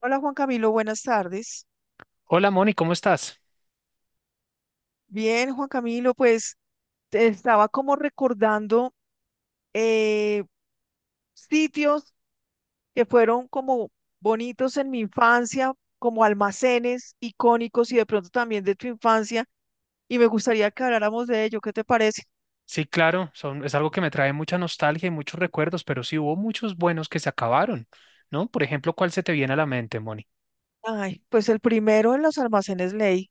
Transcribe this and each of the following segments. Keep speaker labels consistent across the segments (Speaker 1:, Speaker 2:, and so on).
Speaker 1: Hola Juan Camilo, buenas tardes.
Speaker 2: Hola Moni, ¿cómo estás?
Speaker 1: Bien, Juan Camilo, pues te estaba como recordando, eh, sitios que fueron como bonitos en mi infancia, como almacenes icónicos y de pronto también de tu infancia, y me gustaría que habláramos de ello. ¿Qué te parece?
Speaker 2: Sí, claro, es algo que me trae mucha nostalgia y muchos recuerdos, pero sí hubo muchos buenos que se acabaron, ¿no? Por ejemplo, ¿cuál se te viene a la mente, Moni?
Speaker 1: Ay, pues el primero en los almacenes Ley.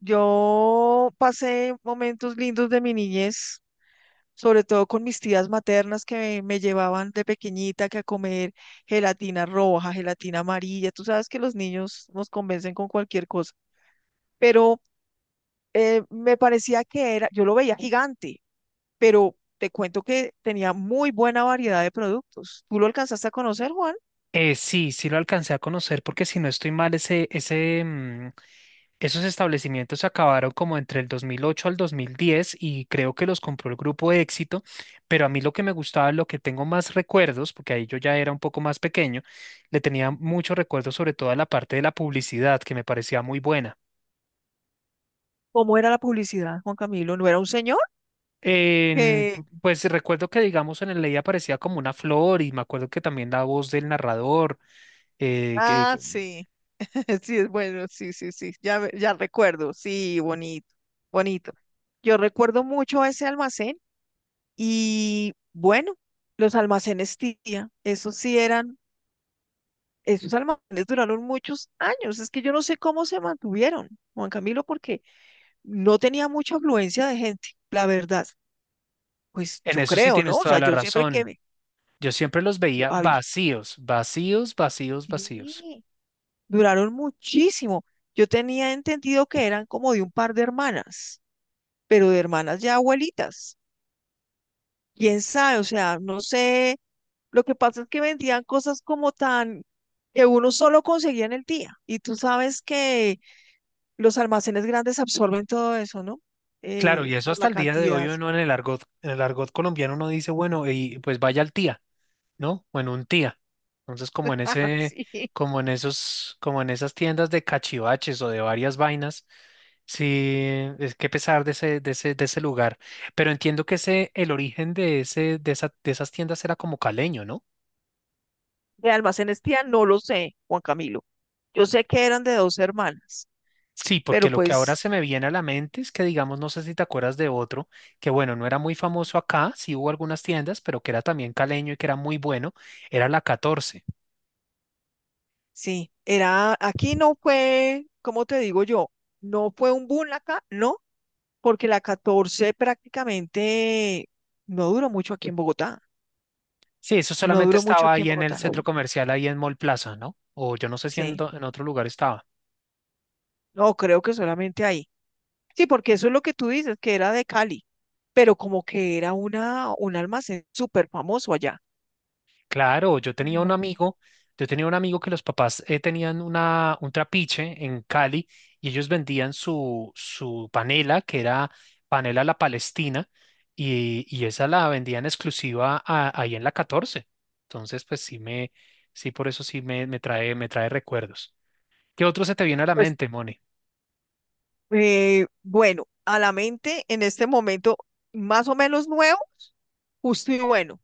Speaker 1: Yo pasé momentos lindos de mi niñez sobre todo con mis tías maternas que me llevaban de pequeñita que a comer gelatina roja, gelatina amarilla. Tú sabes que los niños nos convencen con cualquier cosa, pero me parecía que era, yo lo veía gigante, pero te cuento que tenía muy buena variedad de productos. ¿Tú lo alcanzaste a conocer, Juan?
Speaker 2: Sí, sí lo alcancé a conocer porque si no estoy mal, esos establecimientos se acabaron como entre el 2008 al 2010 y creo que los compró el grupo de Éxito, pero a mí lo que me gustaba, lo que tengo más recuerdos, porque ahí yo ya era un poco más pequeño, le tenía muchos recuerdos sobre todo a la parte de la publicidad que me parecía muy buena.
Speaker 1: ¿Cómo era la publicidad, Juan Camilo? ¿No era un señor?
Speaker 2: En-
Speaker 1: Que,
Speaker 2: pues recuerdo que, digamos, en el Ley aparecía como una flor y me acuerdo que también la voz del narrador, eh, que,
Speaker 1: ah,
Speaker 2: que-
Speaker 1: sí, sí, es bueno, sí, sí, sí, ya, ya recuerdo, sí, bonito, bonito. Yo recuerdo mucho ese almacén. Y bueno, los almacenes tía, esos sí eran, esos almacenes duraron muchos años. Es que yo no sé cómo se mantuvieron, Juan Camilo, porque no tenía mucha afluencia de gente, la verdad. Pues
Speaker 2: en
Speaker 1: yo
Speaker 2: eso sí
Speaker 1: creo, ¿no?
Speaker 2: tienes
Speaker 1: O
Speaker 2: toda
Speaker 1: sea,
Speaker 2: la
Speaker 1: yo siempre que
Speaker 2: razón.
Speaker 1: me,
Speaker 2: Yo siempre los
Speaker 1: yo,
Speaker 2: veía
Speaker 1: había,
Speaker 2: vacíos, vacíos, vacíos, vacíos.
Speaker 1: sí, duraron muchísimo. Yo tenía entendido que eran como de un par de hermanas, pero de hermanas ya abuelitas. Quién sabe, o sea, no sé. Lo que pasa es que vendían cosas como tan que uno solo conseguía en el día. Y tú sabes que los almacenes grandes absorben todo eso, ¿no?
Speaker 2: Claro, y eso
Speaker 1: Por
Speaker 2: hasta
Speaker 1: la
Speaker 2: el día de hoy
Speaker 1: cantidad.
Speaker 2: uno en el argot colombiano uno dice, bueno, y pues vaya al Tía. ¿No? O en un Tía. Entonces,
Speaker 1: Sí.
Speaker 2: como en esos, como en esas tiendas de cachivaches o de varias vainas, sí, es que pesar de ese lugar. Pero entiendo que el origen de esas tiendas era como caleño, ¿no?
Speaker 1: De almacenes tía, no lo sé, Juan Camilo. Yo sé que eran de dos hermanas,
Speaker 2: Sí, porque
Speaker 1: pero
Speaker 2: lo que ahora
Speaker 1: pues
Speaker 2: se me viene a la mente es que, digamos, no sé si te acuerdas de otro, que bueno, no era muy famoso acá, sí hubo algunas tiendas, pero que era también caleño y que era muy bueno, era la 14.
Speaker 1: sí, era, aquí no fue, como te digo yo? No fue un boom acá, no, porque la catorce prácticamente no duró mucho aquí en Bogotá.
Speaker 2: Sí, eso
Speaker 1: No
Speaker 2: solamente
Speaker 1: duró mucho
Speaker 2: estaba
Speaker 1: aquí en
Speaker 2: ahí en el
Speaker 1: Bogotá.
Speaker 2: centro comercial, ahí en Mall Plaza, ¿no? O yo no sé si en,
Speaker 1: Sí.
Speaker 2: en otro lugar estaba.
Speaker 1: No, creo que solamente ahí. Sí, porque eso es lo que tú dices, que era de Cali, pero como que era una, un almacén súper famoso allá.
Speaker 2: Claro,
Speaker 1: No.
Speaker 2: yo tenía un amigo que los papás tenían un trapiche en Cali y ellos vendían su panela, que era panela La Palestina, y esa la vendían exclusiva ahí en la 14. Entonces, pues sí, por eso me trae recuerdos. ¿Qué otro se te viene a la
Speaker 1: Pues
Speaker 2: mente, Moni?
Speaker 1: bueno, a la mente en este momento, más o menos nuevo, Justo y Bueno.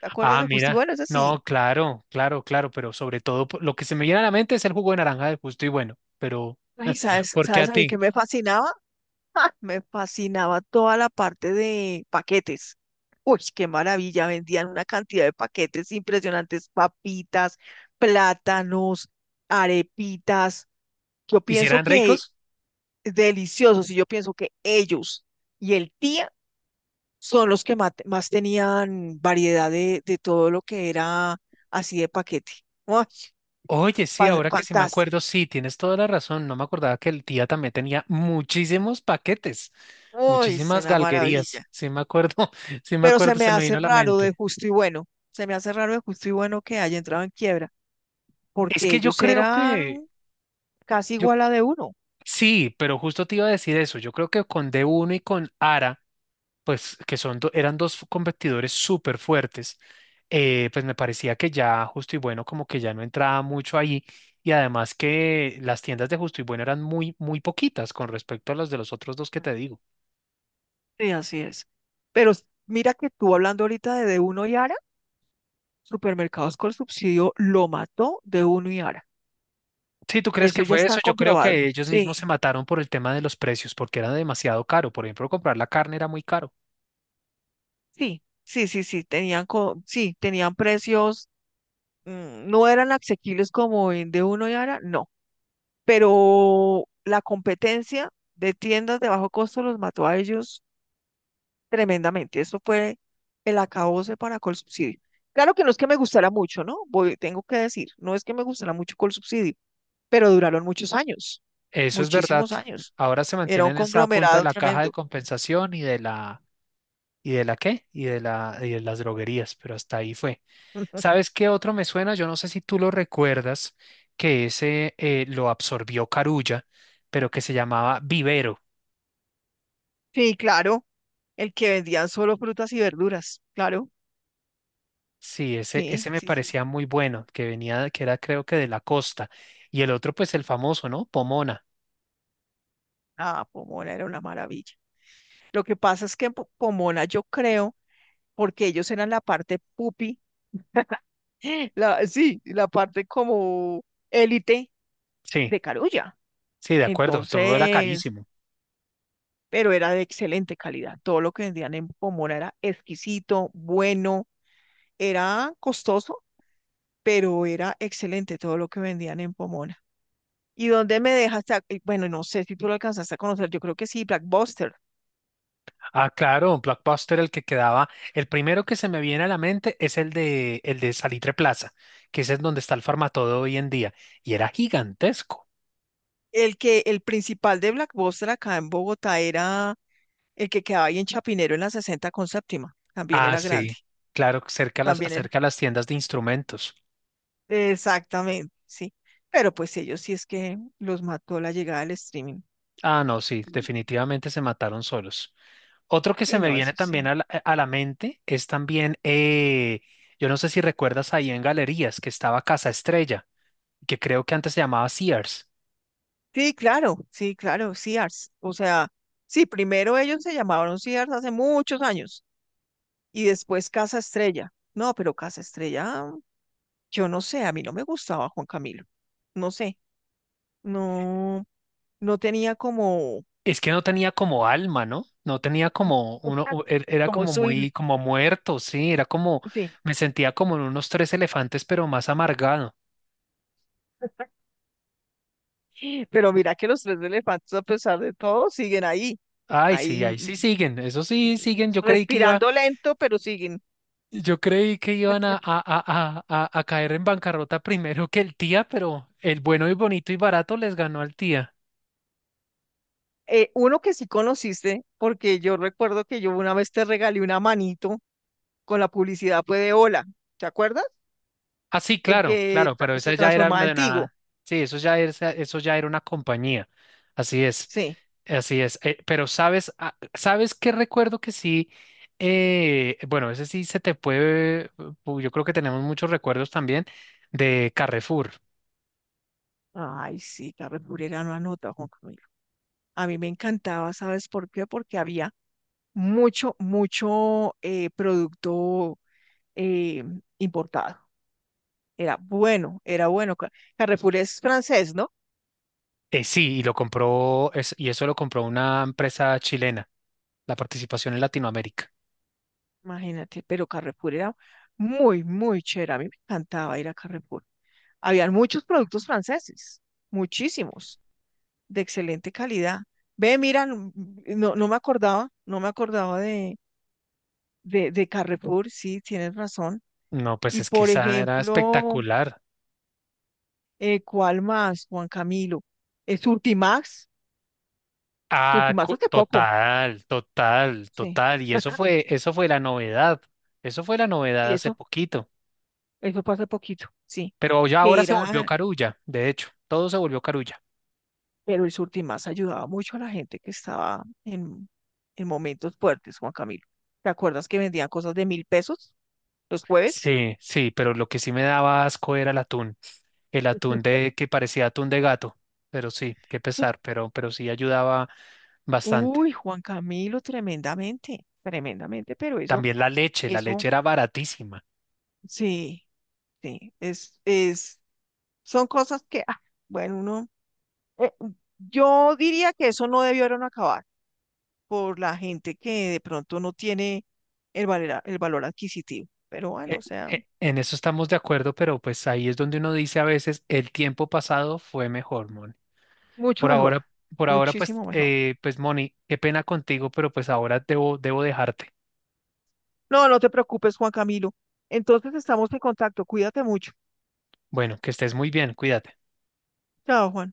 Speaker 1: ¿Te acuerdas
Speaker 2: Ah,
Speaker 1: de Justo y
Speaker 2: mira,
Speaker 1: Bueno? Ese sí.
Speaker 2: no, claro, claro, claro, pero sobre todo lo que se me viene a la mente es el jugo de naranja de Justo y Bueno, pero
Speaker 1: Ay, ¿sabes,
Speaker 2: ¿por qué
Speaker 1: sabes
Speaker 2: a
Speaker 1: a mí que
Speaker 2: ti?
Speaker 1: me fascinaba? Me fascinaba toda la parte de paquetes. Uy, qué maravilla, vendían una cantidad de paquetes impresionantes, papitas, plátanos, arepitas. Yo pienso
Speaker 2: ¿Hicieran
Speaker 1: que
Speaker 2: ricos?
Speaker 1: deliciosos y yo pienso que ellos y el tía son los que más, tenían variedad de todo lo que era así de paquete. Uy,
Speaker 2: Oye, sí, ahora que sí me
Speaker 1: fantástico.
Speaker 2: acuerdo, sí, tienes toda la razón, no me acordaba que el Tía también tenía muchísimos paquetes,
Speaker 1: Uy, es
Speaker 2: muchísimas
Speaker 1: una maravilla.
Speaker 2: galguerías, sí me acuerdo, sí me
Speaker 1: Pero se
Speaker 2: acuerdo,
Speaker 1: me
Speaker 2: se me
Speaker 1: hace
Speaker 2: vino a la
Speaker 1: raro de
Speaker 2: mente.
Speaker 1: justo y bueno, se me hace raro de justo y bueno que haya entrado en quiebra,
Speaker 2: Es
Speaker 1: porque
Speaker 2: que yo
Speaker 1: ellos
Speaker 2: creo que,
Speaker 1: eran casi
Speaker 2: yo,
Speaker 1: igual a d uno.
Speaker 2: sí, pero justo te iba a decir eso, yo creo que con D1 y con ARA, pues que son eran dos competidores súper fuertes, pues me parecía que ya Justo y Bueno como que ya no entraba mucho ahí y además que las tiendas de Justo y Bueno eran muy, muy poquitas con respecto a las de los otros dos que te digo.
Speaker 1: Sí, así es. Pero mira que tú hablando ahorita de d uno y Ara, Supermercados con Subsidio lo mató d uno y Ara.
Speaker 2: Si tú crees que
Speaker 1: Eso ya
Speaker 2: fue
Speaker 1: está
Speaker 2: eso, yo creo
Speaker 1: comprobado.
Speaker 2: que ellos mismos se
Speaker 1: Sí,
Speaker 2: mataron por el tema de los precios porque era demasiado caro. Por ejemplo, comprar la carne era muy caro.
Speaker 1: sí, sí, sí, sí, tenían, sí, tenían precios, no eran asequibles como en D1 y Ara, no, pero la competencia de tiendas de bajo costo los mató a ellos tremendamente. Eso fue el acabose para Colsubsidio. Claro que no es que me gustara mucho, ¿no? Voy, tengo que decir, no es que me gustara mucho Colsubsidio, pero duraron muchos años,
Speaker 2: Eso es verdad.
Speaker 1: muchísimos años.
Speaker 2: Ahora se
Speaker 1: Era
Speaker 2: mantiene
Speaker 1: un
Speaker 2: en esa punta de
Speaker 1: conglomerado
Speaker 2: la caja de
Speaker 1: tremendo.
Speaker 2: compensación y ¿y de la qué? Y de las droguerías, pero hasta ahí fue. ¿Sabes qué otro me suena? Yo no sé si tú lo recuerdas, que ese lo absorbió Carulla, pero que se llamaba Vivero.
Speaker 1: Sí, claro, el que vendían solo frutas y verduras, claro.
Speaker 2: Sí, ese,
Speaker 1: Sí,
Speaker 2: ese me
Speaker 1: sí, sí.
Speaker 2: parecía muy bueno, que era creo que de la costa. Y el otro, pues el famoso, ¿no? Pomona.
Speaker 1: Ah, Pomona era una maravilla. Lo que pasa es que en Pomona yo creo, porque ellos eran la parte pupi, la, sí, la parte como élite
Speaker 2: Sí,
Speaker 1: de Carulla.
Speaker 2: sí, de acuerdo, todo era
Speaker 1: Entonces,
Speaker 2: carísimo.
Speaker 1: pero era de excelente calidad. Todo lo que vendían en Pomona era exquisito, bueno, era costoso, pero era excelente todo lo que vendían en Pomona. ¿Y dónde me dejaste? Bueno, no sé si tú lo alcanzaste a conocer, yo creo que sí, Blackbuster.
Speaker 2: Ah, claro, un Blockbuster el que quedaba, el primero que se me viene a la mente es el de Salitre Plaza, que ese es donde está el Farmatodo hoy en día, y era gigantesco.
Speaker 1: El que, el principal de Blackbuster acá en Bogotá era el que quedaba ahí en Chapinero en la 60 con séptima. También
Speaker 2: Ah,
Speaker 1: era grande,
Speaker 2: sí, claro, cerca a las,
Speaker 1: también era.
Speaker 2: cerca a las tiendas de instrumentos.
Speaker 1: Exactamente, sí. Pero pues ellos sí es que los mató la llegada del streaming.
Speaker 2: Ah, no, sí,
Speaker 1: Y
Speaker 2: definitivamente se mataron solos. Otro que se
Speaker 1: sí,
Speaker 2: me
Speaker 1: no,
Speaker 2: viene
Speaker 1: eso
Speaker 2: también
Speaker 1: sí.
Speaker 2: a la mente es también, yo no sé si recuerdas ahí en Galerías que estaba Casa Estrella, que creo que antes se llamaba Sears.
Speaker 1: Sí, claro, sí, claro, Sears. O sea, sí, primero ellos se llamaron Sears hace muchos años y después Casa Estrella. No, pero Casa Estrella, yo no sé, a mí no me gustaba Juan Camilo. No sé, no, no tenía como,
Speaker 2: Es que no tenía como alma, ¿no? No tenía como uno, era
Speaker 1: como
Speaker 2: como muy, como muerto, sí, era como, me sentía como en unos Tres Elefantes, pero más amargado.
Speaker 1: sí, pero mira que los tres elefantes, a pesar de todo, siguen ahí,
Speaker 2: Ay, sí,
Speaker 1: ahí
Speaker 2: ahí sí siguen, eso sí siguen.
Speaker 1: respirando lento, pero siguen.
Speaker 2: Yo creí que iban a, caer en bancarrota primero que el Tía, pero el bueno y bonito y barato les ganó al Tía.
Speaker 1: Uno que sí conociste, porque yo recuerdo que yo una vez te regalé una manito con la publicidad pues, de Hola, ¿te acuerdas?
Speaker 2: Ah, sí,
Speaker 1: El
Speaker 2: claro,
Speaker 1: que
Speaker 2: claro, pero esa
Speaker 1: se
Speaker 2: ya era
Speaker 1: transformaba
Speaker 2: una
Speaker 1: en
Speaker 2: de
Speaker 1: Tigo.
Speaker 2: nada. Sí, eso ya era una compañía. Así es,
Speaker 1: Sí.
Speaker 2: así es. Pero sabes qué recuerdo que sí, bueno, ese sí se te puede, yo creo que tenemos muchos recuerdos también de Carrefour.
Speaker 1: Ay, sí, Carlos Burera no anota, Juan Camilo. A mí me encantaba, ¿sabes por qué? Porque había mucho, mucho, producto, eh, importado. Era bueno, era bueno. Carrefour es francés, ¿no?
Speaker 2: Sí, y eso lo compró una empresa chilena. La participación en Latinoamérica.
Speaker 1: Imagínate, pero Carrefour era muy, muy chévere. A mí me encantaba ir a Carrefour. Habían muchos productos franceses, muchísimos, de excelente calidad. Ve, mira, no, no me acordaba, no me acordaba de Carrefour, sí, tienes razón.
Speaker 2: No, pues
Speaker 1: Y
Speaker 2: es que
Speaker 1: por
Speaker 2: esa era
Speaker 1: ejemplo,
Speaker 2: espectacular.
Speaker 1: ¿cuál más, Juan Camilo? Surtimax,
Speaker 2: Ah,
Speaker 1: Surtimax hace poco,
Speaker 2: total, total,
Speaker 1: sí,
Speaker 2: total. Y eso fue la novedad. Eso fue la novedad
Speaker 1: sí,
Speaker 2: hace
Speaker 1: eso,
Speaker 2: poquito.
Speaker 1: eso fue hace poquito, sí,
Speaker 2: Pero ya
Speaker 1: que
Speaker 2: ahora se volvió
Speaker 1: era,
Speaker 2: Carulla, de hecho, todo se volvió Carulla.
Speaker 1: pero el Surtimax ayudaba mucho a la gente que estaba en momentos fuertes, Juan Camilo. ¿Te acuerdas que vendían cosas de mil pesos los jueves?
Speaker 2: Sí, sí, pero lo que sí me daba asco era el atún. El atún de que parecía atún de gato. Pero sí, qué pesar, pero sí ayudaba bastante.
Speaker 1: Uy, Juan Camilo, tremendamente, tremendamente, pero eso,
Speaker 2: También la leche
Speaker 1: eso,
Speaker 2: era baratísima.
Speaker 1: sí, sí, es, son cosas que, ah, bueno, uno, eh, yo diría que eso no debieron acabar por la gente que de pronto no tiene el valor adquisitivo, pero bueno,
Speaker 2: E-
Speaker 1: o sea,
Speaker 2: En eso estamos de acuerdo, pero pues ahí es donde uno dice a veces el tiempo pasado fue mejor, Moni.
Speaker 1: mucho
Speaker 2: Por
Speaker 1: mejor,
Speaker 2: ahora, por ahora, pues,
Speaker 1: muchísimo mejor.
Speaker 2: eh, pues, Moni, qué pena contigo, pero pues ahora debo dejarte.
Speaker 1: No, no te preocupes, Juan Camilo. Entonces estamos en contacto, cuídate mucho.
Speaker 2: Bueno, que estés muy bien, cuídate.
Speaker 1: Chao, Juan.